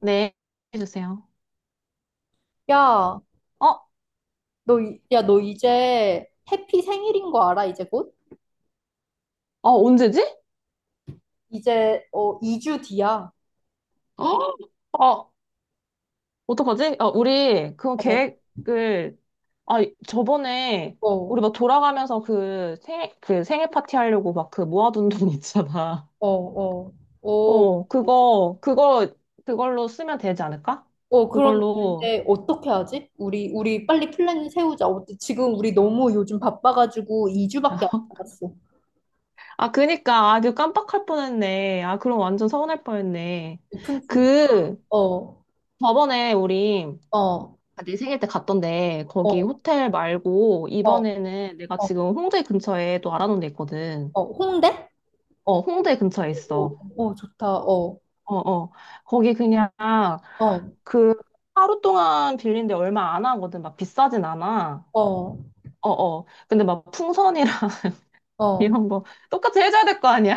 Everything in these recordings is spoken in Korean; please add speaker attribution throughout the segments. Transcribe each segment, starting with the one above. Speaker 1: 네, 해주세요.
Speaker 2: 야,
Speaker 1: 어?
Speaker 2: 너, 너 이제 해피 생일인 거 알아, 이제 곧?
Speaker 1: 언제지?
Speaker 2: 이제, 2주 뒤야.
Speaker 1: 어, 어, 어떡하지? 우리 그
Speaker 2: 어,
Speaker 1: 계획을, 아, 저번에 우리
Speaker 2: 어,
Speaker 1: 막 돌아가면서 그 생일, 그 생일 파티 하려고 막 그 모아둔 돈 있잖아.
Speaker 2: 어, 어, 어,
Speaker 1: 그거, 그걸로 쓰면 되지 않을까?
Speaker 2: 어, 그럼
Speaker 1: 그걸로.
Speaker 2: 이제 어떻게 하지? 우리 빨리 플랜 세우자. 어, 지금 우리 너무 요즘 바빠가지고 2주밖에 안 남았어.
Speaker 1: 그니까. 아, 그 깜빡할 뻔했네. 아, 그럼 완전 서운할 뻔했네.
Speaker 2: 오픈, 주-
Speaker 1: 그,
Speaker 2: 어, 어,
Speaker 1: 저번에 우리
Speaker 2: 어,
Speaker 1: 아, 내 생일 때 갔던데 거기 호텔 말고
Speaker 2: 어,
Speaker 1: 이번에는 내가
Speaker 2: 어,
Speaker 1: 지금 홍대 근처에 또 알아놓은 데 있거든.
Speaker 2: 어, 홍대?
Speaker 1: 홍대 근처에
Speaker 2: 어,
Speaker 1: 있어.
Speaker 2: 어, 좋다. 어,
Speaker 1: 어, 어. 거기 그냥
Speaker 2: 어,
Speaker 1: 그 하루 동안 빌린데 얼마 안 하거든. 막 비싸진 않아.
Speaker 2: 어,
Speaker 1: 어, 어. 근데 막 풍선이랑
Speaker 2: 어,
Speaker 1: 이런 거 똑같이 해줘야 될 거 아니야.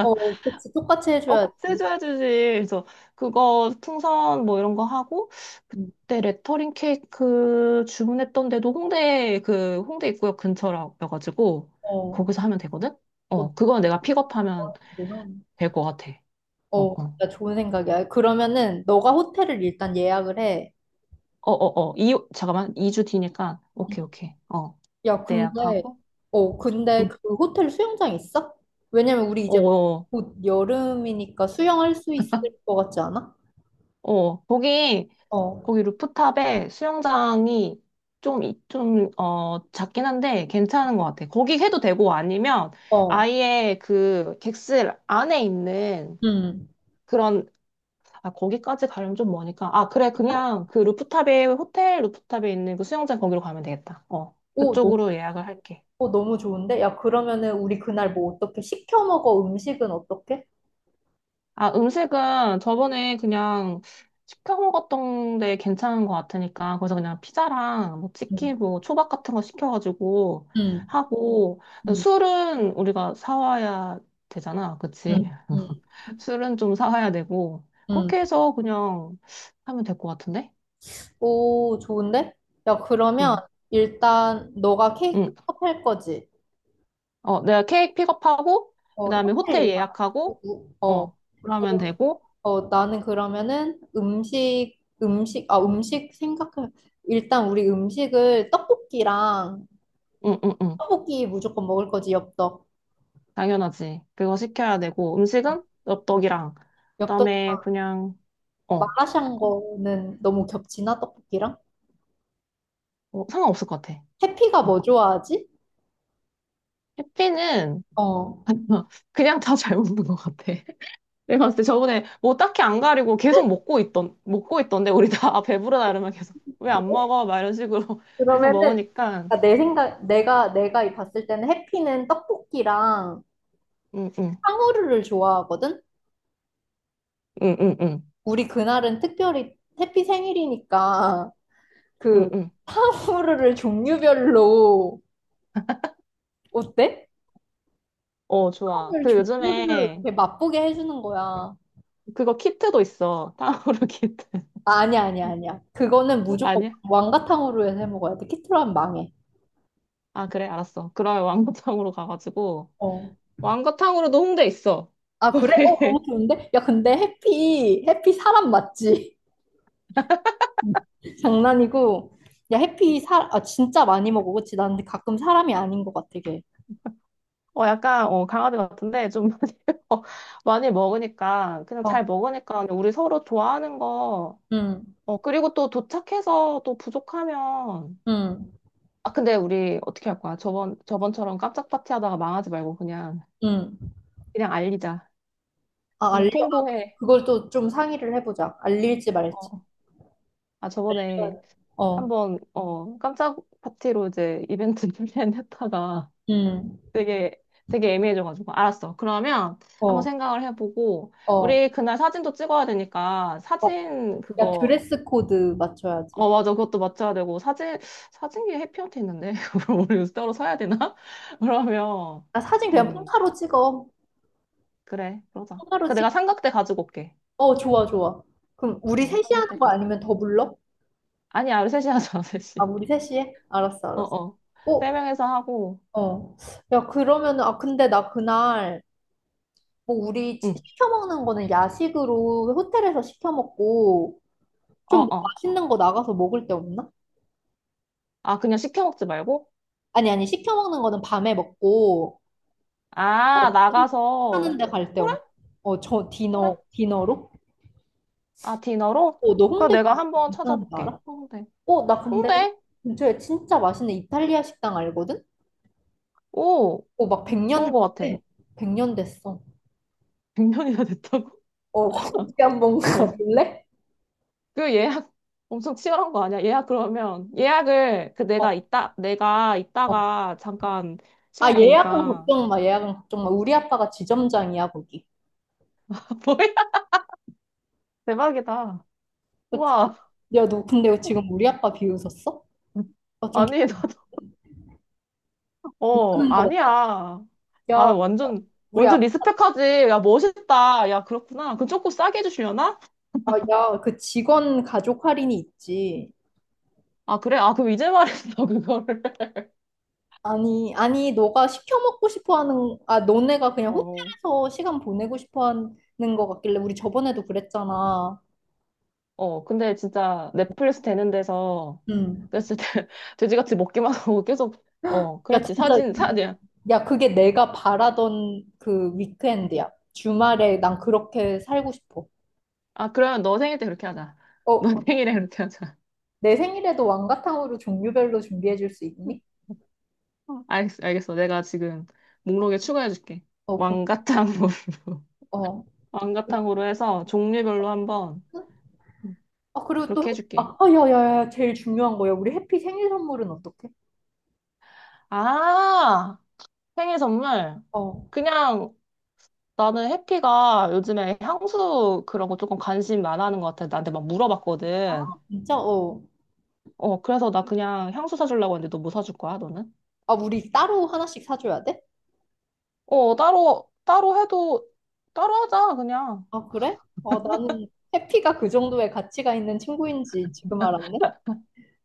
Speaker 2: 어, 그치. 똑같이 해줘야지.
Speaker 1: 같이 해줘야 지 그래서 그거 풍선 뭐 이런 거 하고
Speaker 2: 응,
Speaker 1: 그때 레터링 케이크 주문했던 데도 홍대 그 홍대 입구역 근처라가지고
Speaker 2: 어,
Speaker 1: 거기서 하면 되거든?
Speaker 2: 어,
Speaker 1: 그건 내가 픽업하면
Speaker 2: 뭐야.
Speaker 1: 될 것 같아. 어,
Speaker 2: 어,
Speaker 1: 어.
Speaker 2: 진짜 좋은 생각이야. 그러면은 너가 호텔을 일단 예약을 해.
Speaker 1: 이, 잠깐만. 2주 뒤니까. 오케이, 오케이. 어.
Speaker 2: 야,
Speaker 1: 그때
Speaker 2: 근데
Speaker 1: 예약하고.
Speaker 2: 어, 근데
Speaker 1: 응.
Speaker 2: 그 호텔 수영장 있어? 왜냐면 우리
Speaker 1: 어,
Speaker 2: 이제
Speaker 1: 어,
Speaker 2: 곧 여름이니까 수영할 수 있을 것 같지 않아?
Speaker 1: 거기
Speaker 2: 어,
Speaker 1: 거기 루프탑에 수영장이 좀, 작긴 한데 괜찮은 것 같아. 거기 해도 되고 아니면
Speaker 2: 어,
Speaker 1: 아예 그 객실 안에 있는
Speaker 2: 음.
Speaker 1: 그런, 아, 거기까지 가려면 좀 머니까. 아, 그래. 그냥 그 루프탑에, 호텔 루프탑에 있는 그 수영장 거기로 가면 되겠다. 어.
Speaker 2: 오, 너무,
Speaker 1: 그쪽으로 예약을 할게.
Speaker 2: 너무 좋은데? 야, 그러면은 우리 그날 뭐 어떻게 시켜 먹어? 음식은 어떻게?
Speaker 1: 음식은 저번에 그냥 시켜 먹었던 데 괜찮은 것 같으니까, 거기서 그냥 피자랑 뭐
Speaker 2: 음,
Speaker 1: 치킨, 뭐 초밥 같은 거 시켜가지고
Speaker 2: 음,
Speaker 1: 하고,
Speaker 2: 음,
Speaker 1: 술은 우리가 사와야 되잖아. 그치?
Speaker 2: 음, 음.
Speaker 1: 술은 좀 사와야 되고,
Speaker 2: 음.
Speaker 1: 그렇게 해서 그냥 하면 될 것 같은데?
Speaker 2: 오, 좋은데? 야, 그러면
Speaker 1: 응,
Speaker 2: 일단 너가 케이크
Speaker 1: 응.
Speaker 2: 컵할 거지?
Speaker 1: 어, 내가 케이크 픽업하고,
Speaker 2: 어,
Speaker 1: 그 다음에 호텔
Speaker 2: 호텔
Speaker 1: 예약하고,
Speaker 2: 어,
Speaker 1: 어, 그러면
Speaker 2: 그럼,
Speaker 1: 되고,
Speaker 2: 나는 그러면은 음식, 음식, 아, 음식 생각해. 일단 우리 음식을 떡볶이랑
Speaker 1: 응, 응, 응.
Speaker 2: 떡볶이 무조건 먹을 거지, 엽떡.
Speaker 1: 당연하지. 그거 시켜야 되고, 음식은 엽떡이랑,
Speaker 2: 엽떡이랑
Speaker 1: 그다음에 그냥, 어, 그건
Speaker 2: 마라샹궈는 너무 겹치나, 떡볶이랑?
Speaker 1: 상관없을 것 같아.
Speaker 2: 해피가
Speaker 1: 어.
Speaker 2: 뭐 좋아하지?
Speaker 1: 피는
Speaker 2: 어.
Speaker 1: 그냥 다 잘 먹는 것 같아. 내가 봤을 때 저번에 뭐 딱히 안 가리고 먹고 있던데, 우리 다 아, 배부르다 이러면 계속, 왜
Speaker 2: 그래?
Speaker 1: 안 먹어? 막 이런 식으로 계속
Speaker 2: 그러면은
Speaker 1: 먹으니까,
Speaker 2: 아, 내 생각, 내가 이 봤을 때는 해피는 떡볶이랑
Speaker 1: 응, 응,
Speaker 2: 탕후루를 좋아하거든?
Speaker 1: 응, 응, 응,
Speaker 2: 우리 그날은 특별히 해피 생일이니까
Speaker 1: 응,
Speaker 2: 그
Speaker 1: 응.
Speaker 2: 탕후루를 종류별로 어때?
Speaker 1: 어, 좋아.
Speaker 2: 탕후루를
Speaker 1: 그
Speaker 2: 종류별로
Speaker 1: 요즘에
Speaker 2: 이렇게 맛보게 해주는 거야. 아,
Speaker 1: 그거 키트도 있어. 타오르 키트.
Speaker 2: 아니야, 아니야, 아니야. 그거는 무조건
Speaker 1: 아니야?
Speaker 2: 왕가탕후루에서 해 먹어야 돼. 키트로 하면 망해.
Speaker 1: 아, 그래, 알았어. 그러면 왕거탕으로 가가지고.
Speaker 2: 어.
Speaker 1: 왕거탕으로도 홍대 있어.
Speaker 2: 아, 그래? 어, 너무 좋은데? 야, 근데 해피, 해피 사람 맞지? 장난이고. 야, 해피 사, 아, 진짜 많이 먹어. 그치? 난 근데 가끔 사람이 아닌 것 같아, 걔.
Speaker 1: 약간, 강아지 같은데, 좀 많이, 어, 많이 먹으니까, 그냥
Speaker 2: 어,
Speaker 1: 잘 먹으니까, 그냥 우리 서로 좋아하는 거,
Speaker 2: 응,
Speaker 1: 어, 그리고 또 도착해서 또 부족하면,
Speaker 2: 응,
Speaker 1: 아, 근데 우리 어떻게 할 거야? 저번처럼 깜짝 파티 하다가 망하지 말고 그냥,
Speaker 2: 응.
Speaker 1: 그냥 알리자.
Speaker 2: 아,
Speaker 1: 그냥
Speaker 2: 알려.
Speaker 1: 통보해.
Speaker 2: 그걸 또 좀 상의를 해보자. 알릴지 말지.
Speaker 1: 어, 아, 저번에
Speaker 2: 응. 어.
Speaker 1: 한번, 깜짝 파티로 이제 이벤트 준비했다가,
Speaker 2: 음,
Speaker 1: 되게 되게 애매해져가지고 알았어. 그러면 한번
Speaker 2: 어,
Speaker 1: 생각을 해보고
Speaker 2: 어,
Speaker 1: 우리 그날 사진도 찍어야 되니까
Speaker 2: 와,
Speaker 1: 사진
Speaker 2: 야,
Speaker 1: 그거
Speaker 2: 드레스 코드 맞춰야지.
Speaker 1: 어 맞아 그것도 맞춰야 되고 사진 사진기 해피언트 있는데 그걸 우리 따로 사야 되나? 그러면
Speaker 2: 아, 사진 그냥
Speaker 1: 음
Speaker 2: 폰타로 찍어.
Speaker 1: 그래 그러자.
Speaker 2: 폰타로
Speaker 1: 그 내가
Speaker 2: 찍.
Speaker 1: 삼각대 가지고 올게.
Speaker 2: 어, 좋아, 좋아. 그럼 우리
Speaker 1: 어
Speaker 2: 셋이 하는
Speaker 1: 삼각대
Speaker 2: 거
Speaker 1: 가져.
Speaker 2: 아니면 더 불러?
Speaker 1: 아니야 우리 셋이 하자
Speaker 2: 아,
Speaker 1: 셋이.
Speaker 2: 우리 셋이 해? 알았어, 알았어.
Speaker 1: 어어 세
Speaker 2: 어,
Speaker 1: 명에서 하고
Speaker 2: 어. 야, 그러면은, 아, 근데 나 그날, 뭐, 우리
Speaker 1: 응
Speaker 2: 시켜 먹는 거는 야식으로 호텔에서 시켜 먹고, 좀
Speaker 1: 어어
Speaker 2: 맛있는 거 나가서 먹을 데 없나?
Speaker 1: 아 그냥 시켜 먹지 말고
Speaker 2: 아니, 아니, 시켜 먹는 거는 밤에 먹고, 나
Speaker 1: 아
Speaker 2: 하는
Speaker 1: 나가서
Speaker 2: 데 갈 데
Speaker 1: 그래
Speaker 2: 없나? 어, 저
Speaker 1: 그래
Speaker 2: 디너, 디너로?
Speaker 1: 아, 디너로?
Speaker 2: 어, 너
Speaker 1: 그래,
Speaker 2: 홍대
Speaker 1: 내가 한번
Speaker 2: 괜찮은 거
Speaker 1: 찾아볼게.
Speaker 2: 알아?
Speaker 1: 홍대.
Speaker 2: 어, 나 근데
Speaker 1: 홍대?
Speaker 2: 근처에 진짜 맛있는 이탈리아 식당 알거든?
Speaker 1: 오,
Speaker 2: 어, 막
Speaker 1: 좋은
Speaker 2: 100년
Speaker 1: 것 같아.
Speaker 2: 됐대. 100년 됐어.
Speaker 1: 100년이나 됐다고?
Speaker 2: 어, 거기 한번
Speaker 1: 어.
Speaker 2: 가볼래?
Speaker 1: 그 예약 엄청 치열한 거 아니야? 예약 그러면 예약을 그
Speaker 2: 어,
Speaker 1: 내가 이따 내가
Speaker 2: 어.
Speaker 1: 이따가 잠깐
Speaker 2: 아,
Speaker 1: 시간 이
Speaker 2: 예약은
Speaker 1: 되니까
Speaker 2: 걱정 마, 예약은 걱정 마. 우리 아빠가 지점장이야, 거기.
Speaker 1: 뭐야? 대박이다.
Speaker 2: 그치?
Speaker 1: 우와.
Speaker 2: 야, 너 근데 지금 우리 아빠 비웃었어? 아, 좀
Speaker 1: 아니
Speaker 2: 기분
Speaker 1: 나도 어
Speaker 2: 나쁘는 거
Speaker 1: 아니야.
Speaker 2: 맞다.
Speaker 1: 아
Speaker 2: 야,
Speaker 1: 완전
Speaker 2: 우리
Speaker 1: 완전
Speaker 2: 아빠,
Speaker 1: 리스펙하지. 야 멋있다. 야 그렇구나. 그 조금 싸게 해주시려나?
Speaker 2: 야, 그 직원 가족 할인이 있지.
Speaker 1: 아 그래? 아 그럼 이제 말했어 그거를.
Speaker 2: 아니, 아니, 너가 시켜 먹고 싶어 하는, 아, 너네가 그냥
Speaker 1: 어.
Speaker 2: 호텔에서 시간 보내고 싶어 하는 것 같길래, 우리 저번에도 그랬잖아.
Speaker 1: 어, 근데 진짜 넷플릭스 되는 데서
Speaker 2: 응.
Speaker 1: 그랬을 때 돼지같이 먹기만 하고 계속, 어,
Speaker 2: 야,
Speaker 1: 그랬지.
Speaker 2: 진짜,
Speaker 1: 사진, 사진.
Speaker 2: 야, 그게 내가 바라던 그 위크엔드야. 주말에 난 그렇게 살고 싶어.
Speaker 1: 아, 그러면 너 생일 때 그렇게 하자. 너
Speaker 2: 어,
Speaker 1: 생일에 그렇게 하자.
Speaker 2: 내 생일에도 왕가탕으로 종류별로 준비해 줄 수 있니?
Speaker 1: 어. 알겠어, 알겠어. 내가 지금 목록에 추가해줄게.
Speaker 2: 어, 고,
Speaker 1: 왕가탕으로.
Speaker 2: 어.
Speaker 1: 왕가탕으로 해서 종류별로 한번
Speaker 2: 아, 그리고 또, 해,
Speaker 1: 그렇게 해줄게.
Speaker 2: 아, 아, 야, 야, 야, 제일 중요한 거야. 우리 해피 생일 선물은 어떻게?
Speaker 1: 아, 생일 선물.
Speaker 2: 어,
Speaker 1: 그냥 나는 해피가 요즘에 향수 그런 거 조금 관심 많아 하는 것 같아. 나한테 막 물어봤거든.
Speaker 2: 진짜, 어.
Speaker 1: 어, 그래서 나 그냥 향수 사주려고 했는데 너 뭐 사줄 거야, 너는?
Speaker 2: 아, 우리 따로 하나씩 사줘야 돼?
Speaker 1: 따로 해도, 따로 하자, 그냥.
Speaker 2: 아, 그래? 어, 나는 해피가 그 정도의 가치가 있는 친구인지 지금 알았네.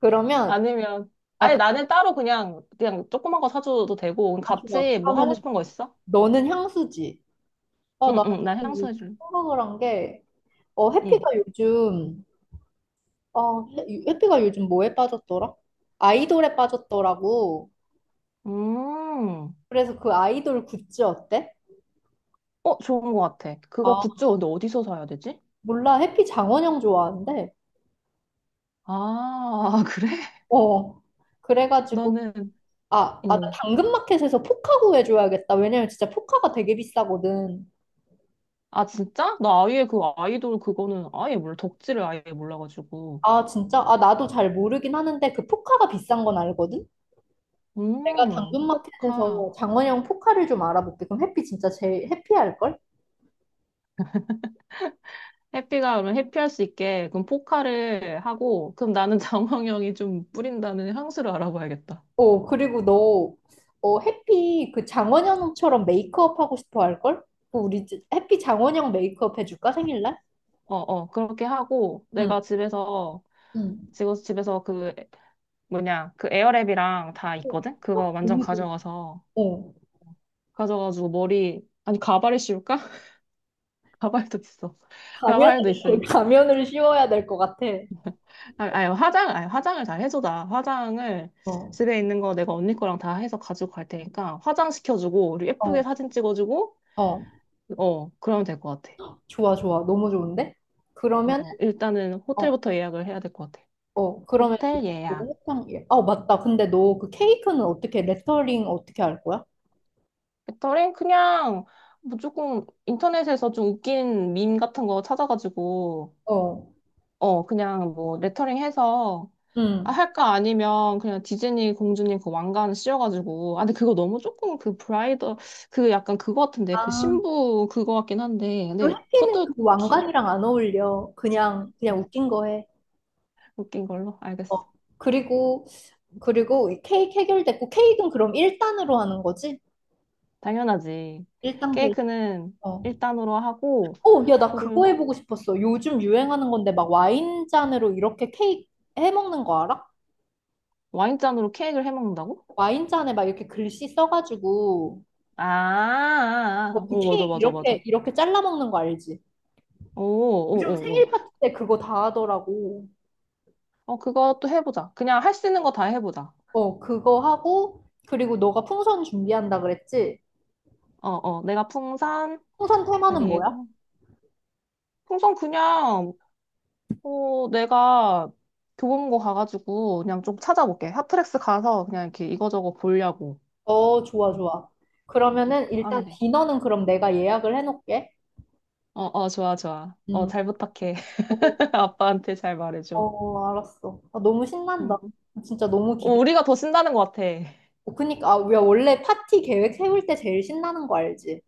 Speaker 2: 그러면,
Speaker 1: 아니면,
Speaker 2: 아,
Speaker 1: 아니,
Speaker 2: 그,
Speaker 1: 나는 따로 그냥, 그냥 조그만 거 사줘도 되고, 우리
Speaker 2: 아, 좋아.
Speaker 1: 같이 뭐 하고
Speaker 2: 그러면은
Speaker 1: 싶은 거 있어?
Speaker 2: 너는 향수지. 어,
Speaker 1: 응,
Speaker 2: 나는
Speaker 1: 응, 난 향수
Speaker 2: 이
Speaker 1: 해줄래.
Speaker 2: 생각을 한 게, 어, 해피가
Speaker 1: 응.
Speaker 2: 요즘, 해피가 요즘 뭐에 빠졌더라? 아이돌에 빠졌더라고.
Speaker 1: 음,
Speaker 2: 그래서 그 아이돌 굿즈 어때?
Speaker 1: 어, 좋은 거 같아. 그거
Speaker 2: 아,
Speaker 1: 굿즈 근데 어디서 사야 되지?
Speaker 2: 몰라. 해피 장원영 좋아하는데.
Speaker 1: 아, 그래?
Speaker 2: 어. 그래가지고,
Speaker 1: 나는,
Speaker 2: 아, 아, 나
Speaker 1: 응.
Speaker 2: 당근마켓에서 포카 구해줘야겠다. 왜냐면 진짜 포카가 되게 비싸거든.
Speaker 1: 아, 진짜? 나 아예 그 아이돌 그거는 아예 몰라. 덕질을 아예 몰라가지고.
Speaker 2: 아, 진짜? 아, 나도 잘 모르긴 하는데 그 포카가 비싼 건 알거든? 내가
Speaker 1: 포카.
Speaker 2: 당근마켓에서 장원영 포카를 좀 알아볼게. 그럼 해피 진짜 제일 해피할걸?
Speaker 1: 해피가 그럼 해피할 수 있게 그럼 포카를 하고 그럼 나는 장황형이 좀 뿌린다는 향수를 알아봐야겠다.
Speaker 2: 어, 그리고 너, 어, 해피 그 장원영처럼 메이크업 하고 싶어 할걸? 해피 장원영 메이크업 해줄까? 생일날?
Speaker 1: 어, 어, 그렇게 하고
Speaker 2: 응,
Speaker 1: 내가 집에서
Speaker 2: 응.
Speaker 1: 지금 집에서 그 뭐냐 그 에어랩이랑 다
Speaker 2: 어,
Speaker 1: 있거든?
Speaker 2: 어,
Speaker 1: 그거 완전
Speaker 2: 너무 좋
Speaker 1: 가져가서
Speaker 2: 어.
Speaker 1: 가져가지고 머리 아니 가발에 씌울까? 가발도 있어.
Speaker 2: 가면을,
Speaker 1: 가발도 있으니까.
Speaker 2: 가면을 씌워야 될 것 같아.
Speaker 1: 아, 아니 화장 아니 화장을 잘 해줘다. 화장을
Speaker 2: 어,
Speaker 1: 집에 있는 거 내가 언니 거랑 다 해서 가지고 갈 테니까 화장 시켜주고 우리 예쁘게
Speaker 2: 어,
Speaker 1: 사진 찍어주고
Speaker 2: 어.
Speaker 1: 어 그러면 될 것 같아.
Speaker 2: 좋아, 좋아. 너무 좋은데? 그러면,
Speaker 1: 어, 일단은 호텔부터 예약을 해야 될 것 같아.
Speaker 2: 어, 그러면
Speaker 1: 호텔
Speaker 2: 요거
Speaker 1: 예약.
Speaker 2: 호탕, 예. 어, 맞다. 근데 너 그 케이크는 어떻게, 레터링 어떻게 할 거야?
Speaker 1: 배터리? 그냥 뭐 조금 인터넷에서 좀 웃긴 밈 같은 거 찾아가지고,
Speaker 2: 어,
Speaker 1: 그냥 뭐 레터링 해서, 아,
Speaker 2: 응.
Speaker 1: 할까? 아니면 그냥 디즈니 공주님 그 왕관 씌워가지고, 아, 근데 그거 너무 조금 그 브라이더, 그 약간 그거 같은데, 그
Speaker 2: 아,
Speaker 1: 신부 그거 같긴 한데,
Speaker 2: 그리고
Speaker 1: 근데
Speaker 2: 해피는
Speaker 1: 그것도
Speaker 2: 그
Speaker 1: 기,
Speaker 2: 왕관이랑 안 어울려. 그냥, 그냥 웃긴 거 해.
Speaker 1: 웃긴 걸로? 알겠어.
Speaker 2: 어, 그리고, 그리고 이 케이크 해결됐고, 케이크는 그럼 1단으로 하는 거지?
Speaker 1: 당연하지.
Speaker 2: 1단 케이크.
Speaker 1: 케이크는
Speaker 2: 어.
Speaker 1: 일단으로 하고,
Speaker 2: 어, 야, 나 그거
Speaker 1: 그리고
Speaker 2: 해보고 싶었어. 요즘 유행하는 건데, 막 와인잔으로 이렇게 케이크 해먹는 거 알아?
Speaker 1: 와인잔으로 케이크를 해 먹는다고?
Speaker 2: 와인잔에 막 이렇게 글씨 써가지고,
Speaker 1: 아, 아,
Speaker 2: 어,
Speaker 1: 아.
Speaker 2: 그
Speaker 1: 오, 맞아,
Speaker 2: 케이크
Speaker 1: 맞아, 맞아.
Speaker 2: 이렇게, 이렇게 잘라 먹는 거 알지?
Speaker 1: 오, 오,
Speaker 2: 요즘
Speaker 1: 오, 오.
Speaker 2: 생일 파티 때 그거 다 하더라고.
Speaker 1: 어, 그것도 해보자. 그냥 할 수 있는 거 다 해보자.
Speaker 2: 어, 그거 하고, 그리고 너가 풍선 준비한다 그랬지?
Speaker 1: 내가 풍선,
Speaker 2: 풍선 테마는 뭐야?
Speaker 1: 그리고, 풍선 그냥, 내가 교보문고 가가지고 그냥 좀 찾아볼게. 핫플렉스 가서 그냥 이렇게 이거저거 보려고.
Speaker 2: 어, 좋아,
Speaker 1: 응,
Speaker 2: 좋아.
Speaker 1: 응.
Speaker 2: 그러면은
Speaker 1: 그거 하면
Speaker 2: 일단
Speaker 1: 돼.
Speaker 2: 디너는 그럼 내가 예약을 해놓을게.
Speaker 1: 어, 어, 좋아, 좋아. 어,
Speaker 2: 음,
Speaker 1: 잘 부탁해.
Speaker 2: 어,
Speaker 1: 아빠한테 잘 말해줘.
Speaker 2: 어, 알았어. 아, 너무 신난다.
Speaker 1: 응.
Speaker 2: 진짜 너무
Speaker 1: 어,
Speaker 2: 기대.
Speaker 1: 우리가 더 신나는 것 같아.
Speaker 2: 어, 그니까, 아, 야, 원래 파티 계획 세울 때 제일 신나는 거 알지?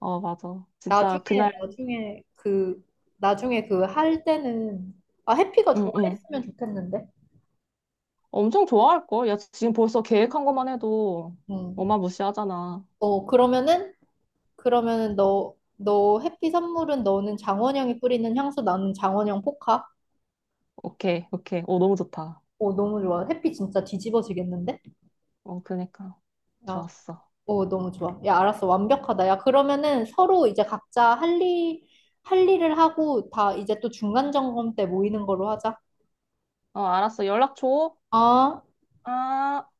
Speaker 1: 어, 맞아.
Speaker 2: 나중에,
Speaker 1: 진짜 그날,
Speaker 2: 나중에 그, 나중에 그 할 때는, 아, 해피가
Speaker 1: 응, 응.
Speaker 2: 좋아했으면 좋겠는데?
Speaker 1: 엄청 좋아할걸? 야, 지금 벌써 계획한 것만 해도
Speaker 2: 음.
Speaker 1: 어마무시하잖아.
Speaker 2: 어, 그러면은 너, 너 해피 선물은 너는 장원영이 뿌리는 향수, 나는 장원영 포카?
Speaker 1: 오케이, 오케이. 오 너무 좋다.
Speaker 2: 오, 너무 좋아. 해피 진짜 뒤집어지겠는데?
Speaker 1: 어, 그니까.
Speaker 2: 야,
Speaker 1: 좋았어.
Speaker 2: 오, 너무 좋아. 야, 알았어. 완벽하다. 야, 그러면은 서로 이제 각자 할 일, 할 일을 하고 다 이제 또 중간 점검 때 모이는 걸로 하자.
Speaker 1: 어, 알았어. 연락 줘.
Speaker 2: 어?
Speaker 1: 아.